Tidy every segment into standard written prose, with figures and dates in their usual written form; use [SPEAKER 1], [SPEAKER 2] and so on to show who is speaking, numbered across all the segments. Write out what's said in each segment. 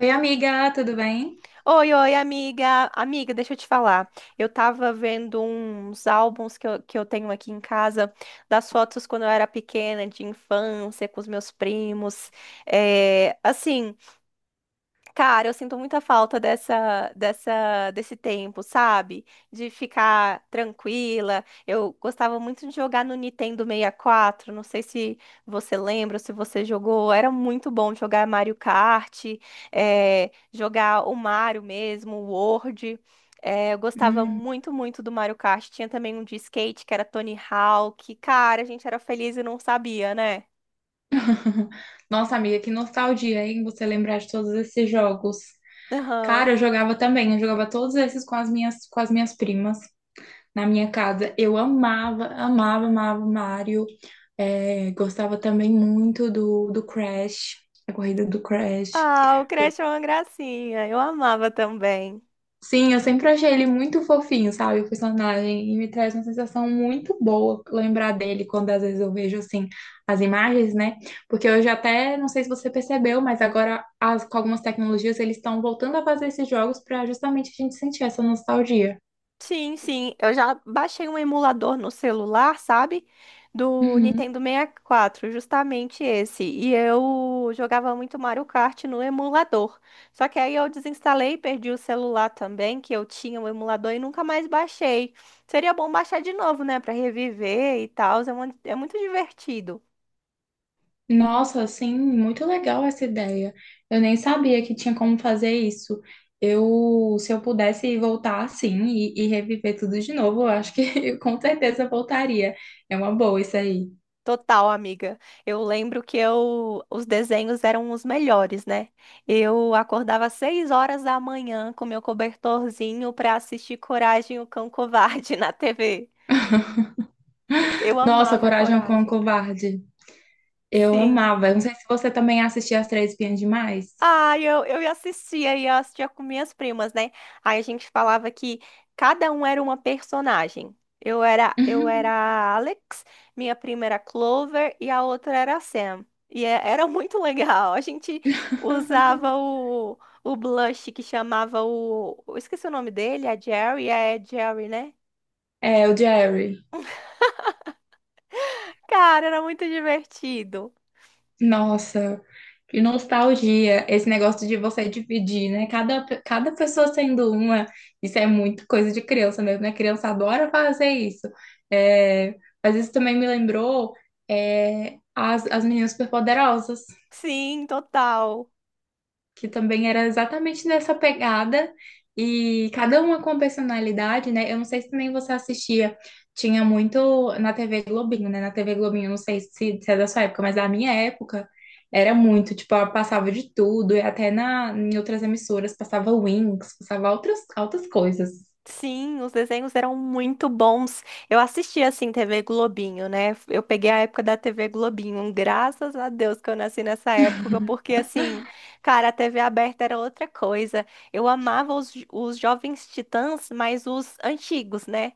[SPEAKER 1] Oi, amiga, tudo bem?
[SPEAKER 2] Oi, oi, amiga. Amiga, deixa eu te falar. Eu tava vendo uns álbuns que eu tenho aqui em casa, das fotos quando eu era pequena, de infância, com os meus primos. É, assim. Cara, eu sinto muita falta desse tempo, sabe? De ficar tranquila. Eu gostava muito de jogar no Nintendo 64. Não sei se você lembra, se você jogou. Era muito bom jogar Mario Kart, jogar o Mario mesmo, o World. Eu gostava
[SPEAKER 1] Hum.
[SPEAKER 2] muito, muito do Mario Kart. Tinha também um de skate que era Tony Hawk. Cara, a gente era feliz e não sabia, né?
[SPEAKER 1] Nossa, amiga, que nostalgia, hein? Você lembrar de todos esses jogos.
[SPEAKER 2] Aham.
[SPEAKER 1] Cara, eu jogava também, eu jogava todos esses com as minhas primas na minha casa. Eu amava, amava, amava Mario. É, gostava também muito do Crash, a corrida do Crash.
[SPEAKER 2] Ah, o Crash é uma gracinha. Eu amava também.
[SPEAKER 1] Sim, eu sempre achei ele muito fofinho, sabe, o personagem, e me traz uma sensação muito boa lembrar dele quando às vezes eu vejo, assim, as imagens, né? Porque hoje até, não sei se você percebeu, mas agora as, com algumas tecnologias eles estão voltando a fazer esses jogos para justamente a gente sentir essa nostalgia.
[SPEAKER 2] Sim, sim. Eu já baixei um emulador no celular, sabe? Do
[SPEAKER 1] Uhum.
[SPEAKER 2] Nintendo 64, justamente esse. E eu jogava muito Mario Kart no emulador. Só que aí eu desinstalei, perdi o celular também, que eu tinha o emulador e nunca mais baixei. Seria bom baixar de novo, né? Pra reviver e tal. É, é muito divertido.
[SPEAKER 1] Nossa, sim, muito legal essa ideia. Eu nem sabia que tinha como fazer isso. Eu, se eu pudesse voltar assim e reviver tudo de novo, eu acho que eu com certeza voltaria. É uma boa isso aí.
[SPEAKER 2] Total, amiga. Eu lembro que eu, os desenhos eram os melhores, né? Eu acordava às 6 horas da manhã com meu cobertorzinho para assistir Coragem, o Cão Covarde na TV. Eu
[SPEAKER 1] Nossa,
[SPEAKER 2] amava o
[SPEAKER 1] Coragem com o
[SPEAKER 2] Coragem.
[SPEAKER 1] Covarde. Eu
[SPEAKER 2] Sim.
[SPEAKER 1] amava. Eu não sei se você também assistia As Três Espiãs Demais.
[SPEAKER 2] Ah, eu ia assistia e eu assistia com minhas primas, né? Aí a gente falava que cada um era uma personagem. Eu era a Alex, minha prima era a Clover e a outra era a Sam. E era muito legal. A gente usava o blush que chamava o. Eu esqueci o nome dele, é Jerry, né?
[SPEAKER 1] É, o Jerry.
[SPEAKER 2] Cara, era muito divertido.
[SPEAKER 1] Nossa, que nostalgia esse negócio de você dividir, né? Cada, cada pessoa sendo uma, isso é muito coisa de criança mesmo, né? Criança adora fazer isso. É, mas isso também me lembrou, as meninas superpoderosas
[SPEAKER 2] Sim, total.
[SPEAKER 1] que também era exatamente nessa pegada, e cada uma com personalidade, né? Eu não sei se também você assistia, tinha muito na TV Globinho, né? Na TV Globinho, eu não sei se, se é da sua época, mas da minha época era muito, tipo, ela passava de tudo, e até na, em outras emissoras passava Wings, passava outras, outras coisas.
[SPEAKER 2] Sim, os desenhos eram muito bons. Eu assistia assim TV Globinho, né? Eu peguei a época da TV Globinho. Graças a Deus que eu nasci nessa época, porque assim, cara, a TV aberta era outra coisa. Eu amava os Jovens Titãs, mas os antigos, né?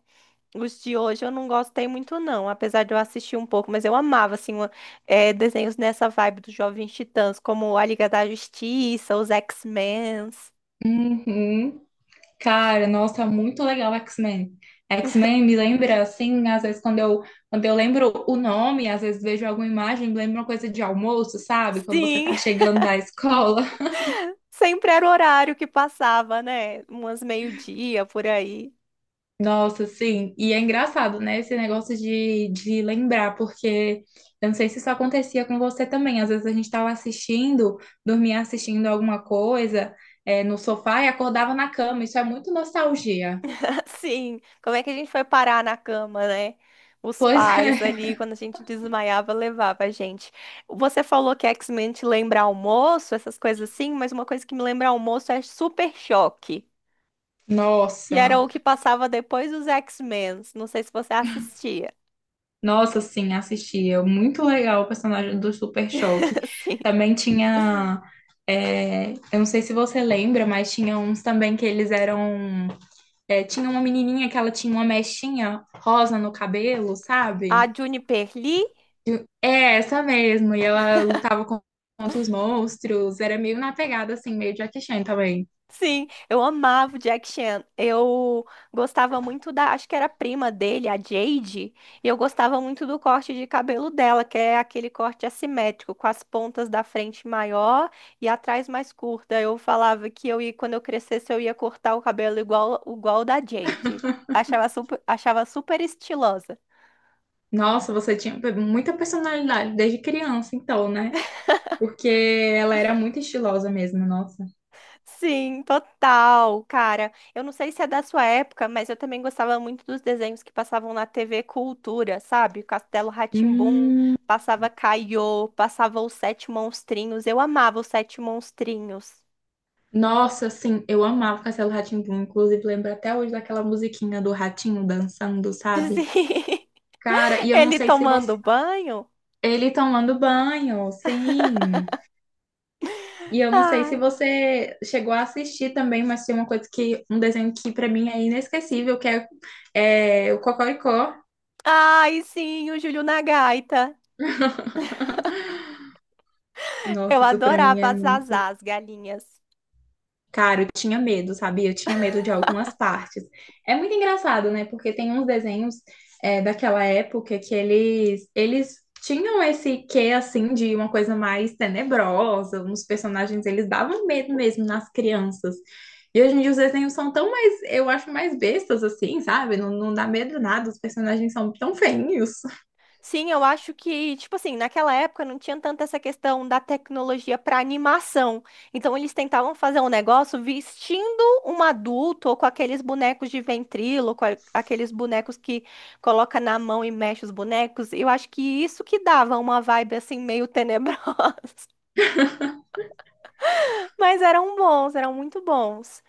[SPEAKER 2] Os de hoje eu não gostei muito, não, apesar de eu assistir um pouco, mas eu amava, assim, desenhos nessa vibe dos Jovens Titãs, como a Liga da Justiça, os X-Men.
[SPEAKER 1] Uhum. Cara, nossa, muito legal X-Men. X-Men me lembra, assim, às vezes quando eu lembro o nome, às vezes vejo alguma imagem, me lembra uma coisa de almoço, sabe? Quando você
[SPEAKER 2] Sim,
[SPEAKER 1] tá chegando da escola.
[SPEAKER 2] sempre era o horário que passava, né? Umas meio-dia por aí.
[SPEAKER 1] Nossa, sim. E é engraçado, né? Esse negócio de lembrar, porque eu não sei se isso acontecia com você também. Às vezes a gente tava assistindo, dormia assistindo alguma coisa, no sofá e acordava na cama. Isso é muito nostalgia.
[SPEAKER 2] Assim, como é que a gente foi parar na cama, né? Os
[SPEAKER 1] Pois
[SPEAKER 2] pais
[SPEAKER 1] é.
[SPEAKER 2] ali, quando a gente desmaiava, levava a gente. Você falou que X-Men te lembra almoço, essas coisas assim, mas uma coisa que me lembra almoço é Super Choque. E era o
[SPEAKER 1] Nossa.
[SPEAKER 2] que passava depois dos X-Men. Não sei se você assistia.
[SPEAKER 1] Nossa, sim, assistia, muito legal o personagem do Super Choque.
[SPEAKER 2] Sim.
[SPEAKER 1] Também tinha. É, eu não sei se você lembra, mas tinha uns também que eles eram. É, tinha uma menininha que ela tinha uma mechinha rosa no cabelo,
[SPEAKER 2] A
[SPEAKER 1] sabe?
[SPEAKER 2] Juniper Lee.
[SPEAKER 1] É, essa mesmo. E ela lutava contra os monstros. Era meio na pegada, assim, meio Jackie Chan também.
[SPEAKER 2] Sim, eu amava o Jack Chan. Eu gostava muito da, acho que era a prima dele, a Jade, e eu gostava muito do corte de cabelo dela, que é aquele corte assimétrico, com as pontas da frente maior e atrás mais curta. Eu falava que eu ia, quando eu crescesse, eu ia cortar o cabelo igual, igual o da Jade. Achava super estilosa.
[SPEAKER 1] Nossa, você tinha muita personalidade desde criança, então, né? Porque ela era muito estilosa mesmo, nossa.
[SPEAKER 2] Sim, total, cara. Eu não sei se é da sua época, mas eu também gostava muito dos desenhos que passavam na TV Cultura, sabe? Castelo rá tim passava Caiô, passava Os Sete Monstrinhos. Eu amava Os Sete Monstrinhos.
[SPEAKER 1] Nossa, assim, eu amava Castelo rá tim Inclusive, lembro até hoje daquela musiquinha do ratinho dançando, sabe?
[SPEAKER 2] Sim.
[SPEAKER 1] Cara, e eu não
[SPEAKER 2] Ele
[SPEAKER 1] sei se você.
[SPEAKER 2] tomando banho?
[SPEAKER 1] Ele tomando banho, sim. E eu não sei se
[SPEAKER 2] Ah.
[SPEAKER 1] você chegou a assistir também, mas tem uma coisa que. Um desenho que pra mim é inesquecível, que é, é o Cocoricó.
[SPEAKER 2] Ai, sim, o Júlio na gaita. Eu
[SPEAKER 1] Nossa, isso pra mim
[SPEAKER 2] adorava
[SPEAKER 1] é
[SPEAKER 2] as as
[SPEAKER 1] muito.
[SPEAKER 2] as galinhas.
[SPEAKER 1] Cara, eu tinha medo, sabe? Eu tinha medo de algumas partes. É muito engraçado, né? Porque tem uns desenhos, daquela época, que eles tinham esse quê, assim, de uma coisa mais tenebrosa. Uns personagens, eles davam medo mesmo nas crianças. E hoje em dia os desenhos são tão mais, eu acho, mais bestas, assim, sabe? Não, não dá medo nada, os personagens são tão feinhos.
[SPEAKER 2] Sim, eu acho que, tipo assim, naquela época não tinha tanta essa questão da tecnologia para animação. Então eles tentavam fazer um negócio vestindo um adulto ou com aqueles bonecos de ventríloco, aqueles bonecos que coloca na mão e mexe os bonecos. Eu acho que isso que dava uma vibe assim meio tenebrosa, mas eram bons, eram muito bons.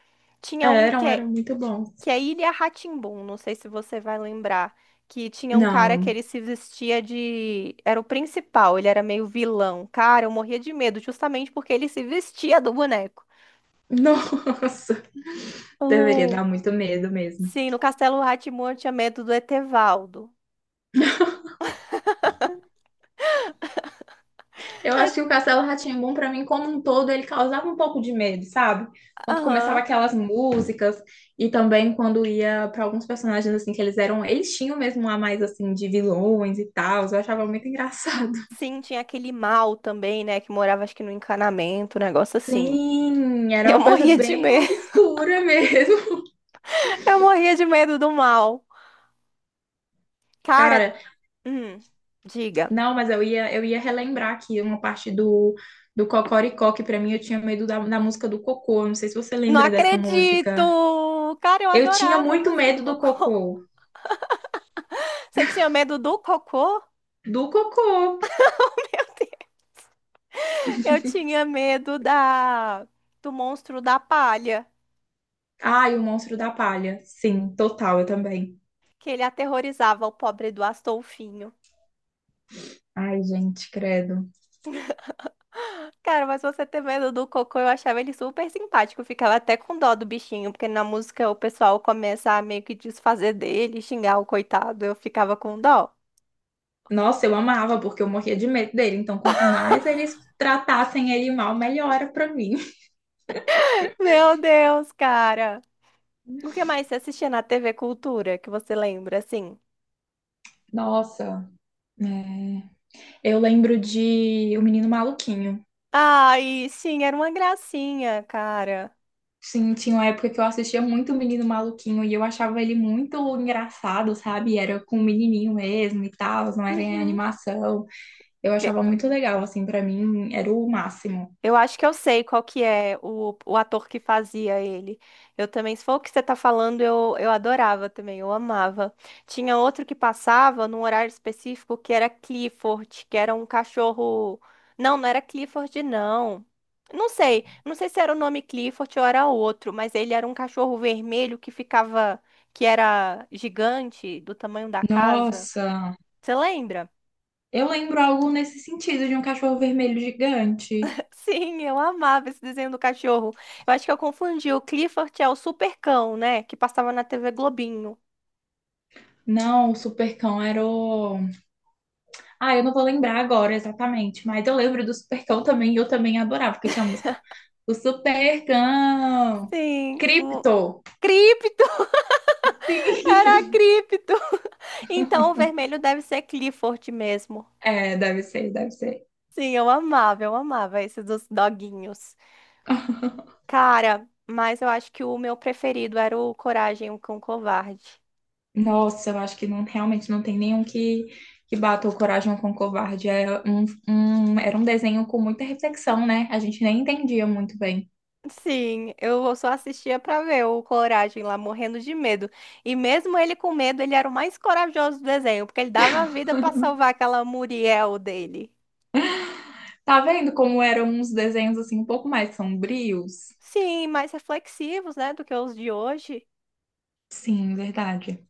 [SPEAKER 1] É,
[SPEAKER 2] Tinha um
[SPEAKER 1] eram, eram muito bons.
[SPEAKER 2] que é Ilha rá, não sei se você vai lembrar, que tinha um cara que
[SPEAKER 1] Não,
[SPEAKER 2] ele se vestia de... Era o principal, ele era meio vilão. Cara, eu morria de medo, justamente porque ele se vestia do boneco.
[SPEAKER 1] nossa, deveria
[SPEAKER 2] Oh,
[SPEAKER 1] dar muito medo mesmo.
[SPEAKER 2] sim, no Castelo rá tim eu tinha medo do Etevaldo.
[SPEAKER 1] Eu
[SPEAKER 2] É,
[SPEAKER 1] acho que o Castelo Rá-Tim-Bum, pra mim, como um todo, ele causava um pouco de medo, sabe? Quando começava
[SPEAKER 2] aham.
[SPEAKER 1] aquelas músicas e também quando ia pra alguns personagens assim que eles eram, eles tinham mesmo um a mais assim de vilões e tal, eu achava muito engraçado.
[SPEAKER 2] Sim, tinha aquele mal também, né, que morava acho que no encanamento, um negócio assim.
[SPEAKER 1] Sim, era
[SPEAKER 2] Eu
[SPEAKER 1] uma coisa
[SPEAKER 2] morria de
[SPEAKER 1] bem
[SPEAKER 2] medo,
[SPEAKER 1] obscura mesmo.
[SPEAKER 2] eu morria de medo do mal. Cara,
[SPEAKER 1] Cara,
[SPEAKER 2] hum, diga.
[SPEAKER 1] não, mas eu ia relembrar aqui uma parte do Cocoricó, que pra mim eu tinha medo da, da música do Cocô. Eu não sei se você
[SPEAKER 2] Não
[SPEAKER 1] lembra dessa
[SPEAKER 2] acredito!
[SPEAKER 1] música.
[SPEAKER 2] Cara, eu
[SPEAKER 1] Eu tinha
[SPEAKER 2] adorava a
[SPEAKER 1] muito
[SPEAKER 2] música do
[SPEAKER 1] medo do
[SPEAKER 2] Cocô.
[SPEAKER 1] Cocô.
[SPEAKER 2] Você tinha medo do Cocô?
[SPEAKER 1] Do Cocô.
[SPEAKER 2] Meu Deus. Eu tinha medo da do monstro da palha,
[SPEAKER 1] Ai, o Monstro da Palha. Sim, total, eu também.
[SPEAKER 2] que ele aterrorizava o pobre do Astolfinho.
[SPEAKER 1] Ai, gente, credo.
[SPEAKER 2] Cara, mas você ter medo do Cocô, eu achava ele super simpático. Eu ficava até com dó do bichinho, porque na música o pessoal começa a meio que desfazer dele, xingar o coitado. Eu ficava com dó.
[SPEAKER 1] Nossa, eu amava, porque eu morria de medo dele. Então, quanto mais eles tratassem ele mal, melhor era pra mim.
[SPEAKER 2] Meu Deus, cara. O que mais você assistia na TV Cultura que você lembra, assim?
[SPEAKER 1] Nossa, né? Eu lembro de O Menino Maluquinho.
[SPEAKER 2] Ai, sim, era uma gracinha, cara.
[SPEAKER 1] Sim, tinha uma época que eu assistia muito O Menino Maluquinho e eu achava ele muito engraçado, sabe? Era com o menininho mesmo e tal, não era em
[SPEAKER 2] Uhum.
[SPEAKER 1] animação. Eu
[SPEAKER 2] E-
[SPEAKER 1] achava muito legal, assim, pra mim era o máximo.
[SPEAKER 2] Eu acho que eu sei qual que é o ator que fazia ele. Eu também, se for o que você tá falando, eu adorava também, eu amava. Tinha outro que passava num horário específico que era Clifford, que era um cachorro. Não, não era Clifford, não. Não sei, não sei se era o nome Clifford ou era outro, mas ele era um cachorro vermelho que ficava, que era gigante, do tamanho da casa.
[SPEAKER 1] Nossa!
[SPEAKER 2] Você lembra?
[SPEAKER 1] Eu lembro algo nesse sentido de um cachorro vermelho gigante.
[SPEAKER 2] Sim, eu amava esse desenho do cachorro. Eu acho que eu confundi. O Clifford é o Supercão, né? Que passava na TV Globinho.
[SPEAKER 1] Não, o Supercão era o. Ah, eu não vou lembrar agora exatamente, mas eu lembro do Supercão também e eu também adorava, porque tinha a música. O Supercão!
[SPEAKER 2] Sim, o
[SPEAKER 1] Cripto!
[SPEAKER 2] Cripto!
[SPEAKER 1] Sim!
[SPEAKER 2] Era Cripto! Então o vermelho deve ser Clifford mesmo.
[SPEAKER 1] É, deve ser, deve ser.
[SPEAKER 2] Sim, eu amava esse dos doguinhos. Cara, mas eu acho que o meu preferido era o Coragem, o Cão Covarde.
[SPEAKER 1] Nossa, eu acho que não, realmente não tem nenhum que bata o Coragem com o Covarde. É um, era um desenho com muita reflexão, né? A gente nem entendia muito bem.
[SPEAKER 2] Sim, eu só assistia pra ver o Coragem lá morrendo de medo. E mesmo ele com medo, ele era o mais corajoso do desenho, porque ele dava a vida pra salvar aquela Muriel dele.
[SPEAKER 1] Tá vendo como eram uns desenhos assim um pouco mais sombrios?
[SPEAKER 2] Sim, mais reflexivos, né, do que os de hoje.
[SPEAKER 1] Sim, verdade.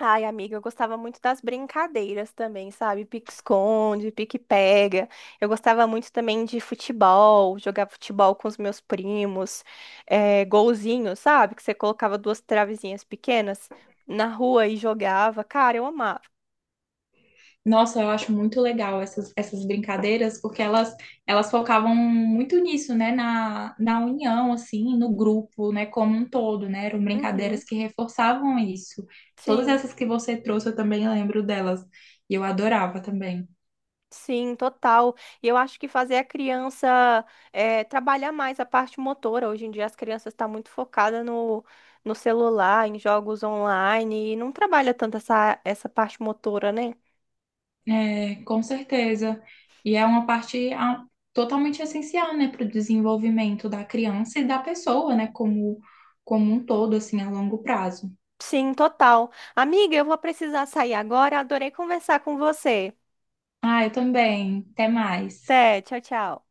[SPEAKER 2] Ai, amiga, eu gostava muito das brincadeiras também, sabe? Pique-esconde, pique-pega. Eu gostava muito também de futebol, jogar futebol com os meus primos, golzinho, sabe? Que você colocava duas travezinhas pequenas na rua e jogava. Cara, eu amava.
[SPEAKER 1] Nossa, eu acho muito legal essas, essas brincadeiras, porque elas focavam muito nisso, né? Na, na união, assim, no grupo, né? Como um todo, né? Eram brincadeiras
[SPEAKER 2] Uhum,
[SPEAKER 1] que reforçavam isso. Todas
[SPEAKER 2] sim,
[SPEAKER 1] essas que você trouxe, eu também lembro delas. E eu adorava também.
[SPEAKER 2] sim, total. E eu acho que fazer a criança trabalhar mais a parte motora. Hoje em dia as crianças estão muito focadas no celular, em jogos online, e não trabalha tanto essa parte motora, né?
[SPEAKER 1] É, com certeza. E é uma parte totalmente essencial, né, para o desenvolvimento da criança e da pessoa, né, como, como um todo, assim, a longo prazo.
[SPEAKER 2] Sim, total. Amiga, eu vou precisar sair agora. Adorei conversar com você.
[SPEAKER 1] Ah, eu também. Até mais.
[SPEAKER 2] Até, tchau, tchau.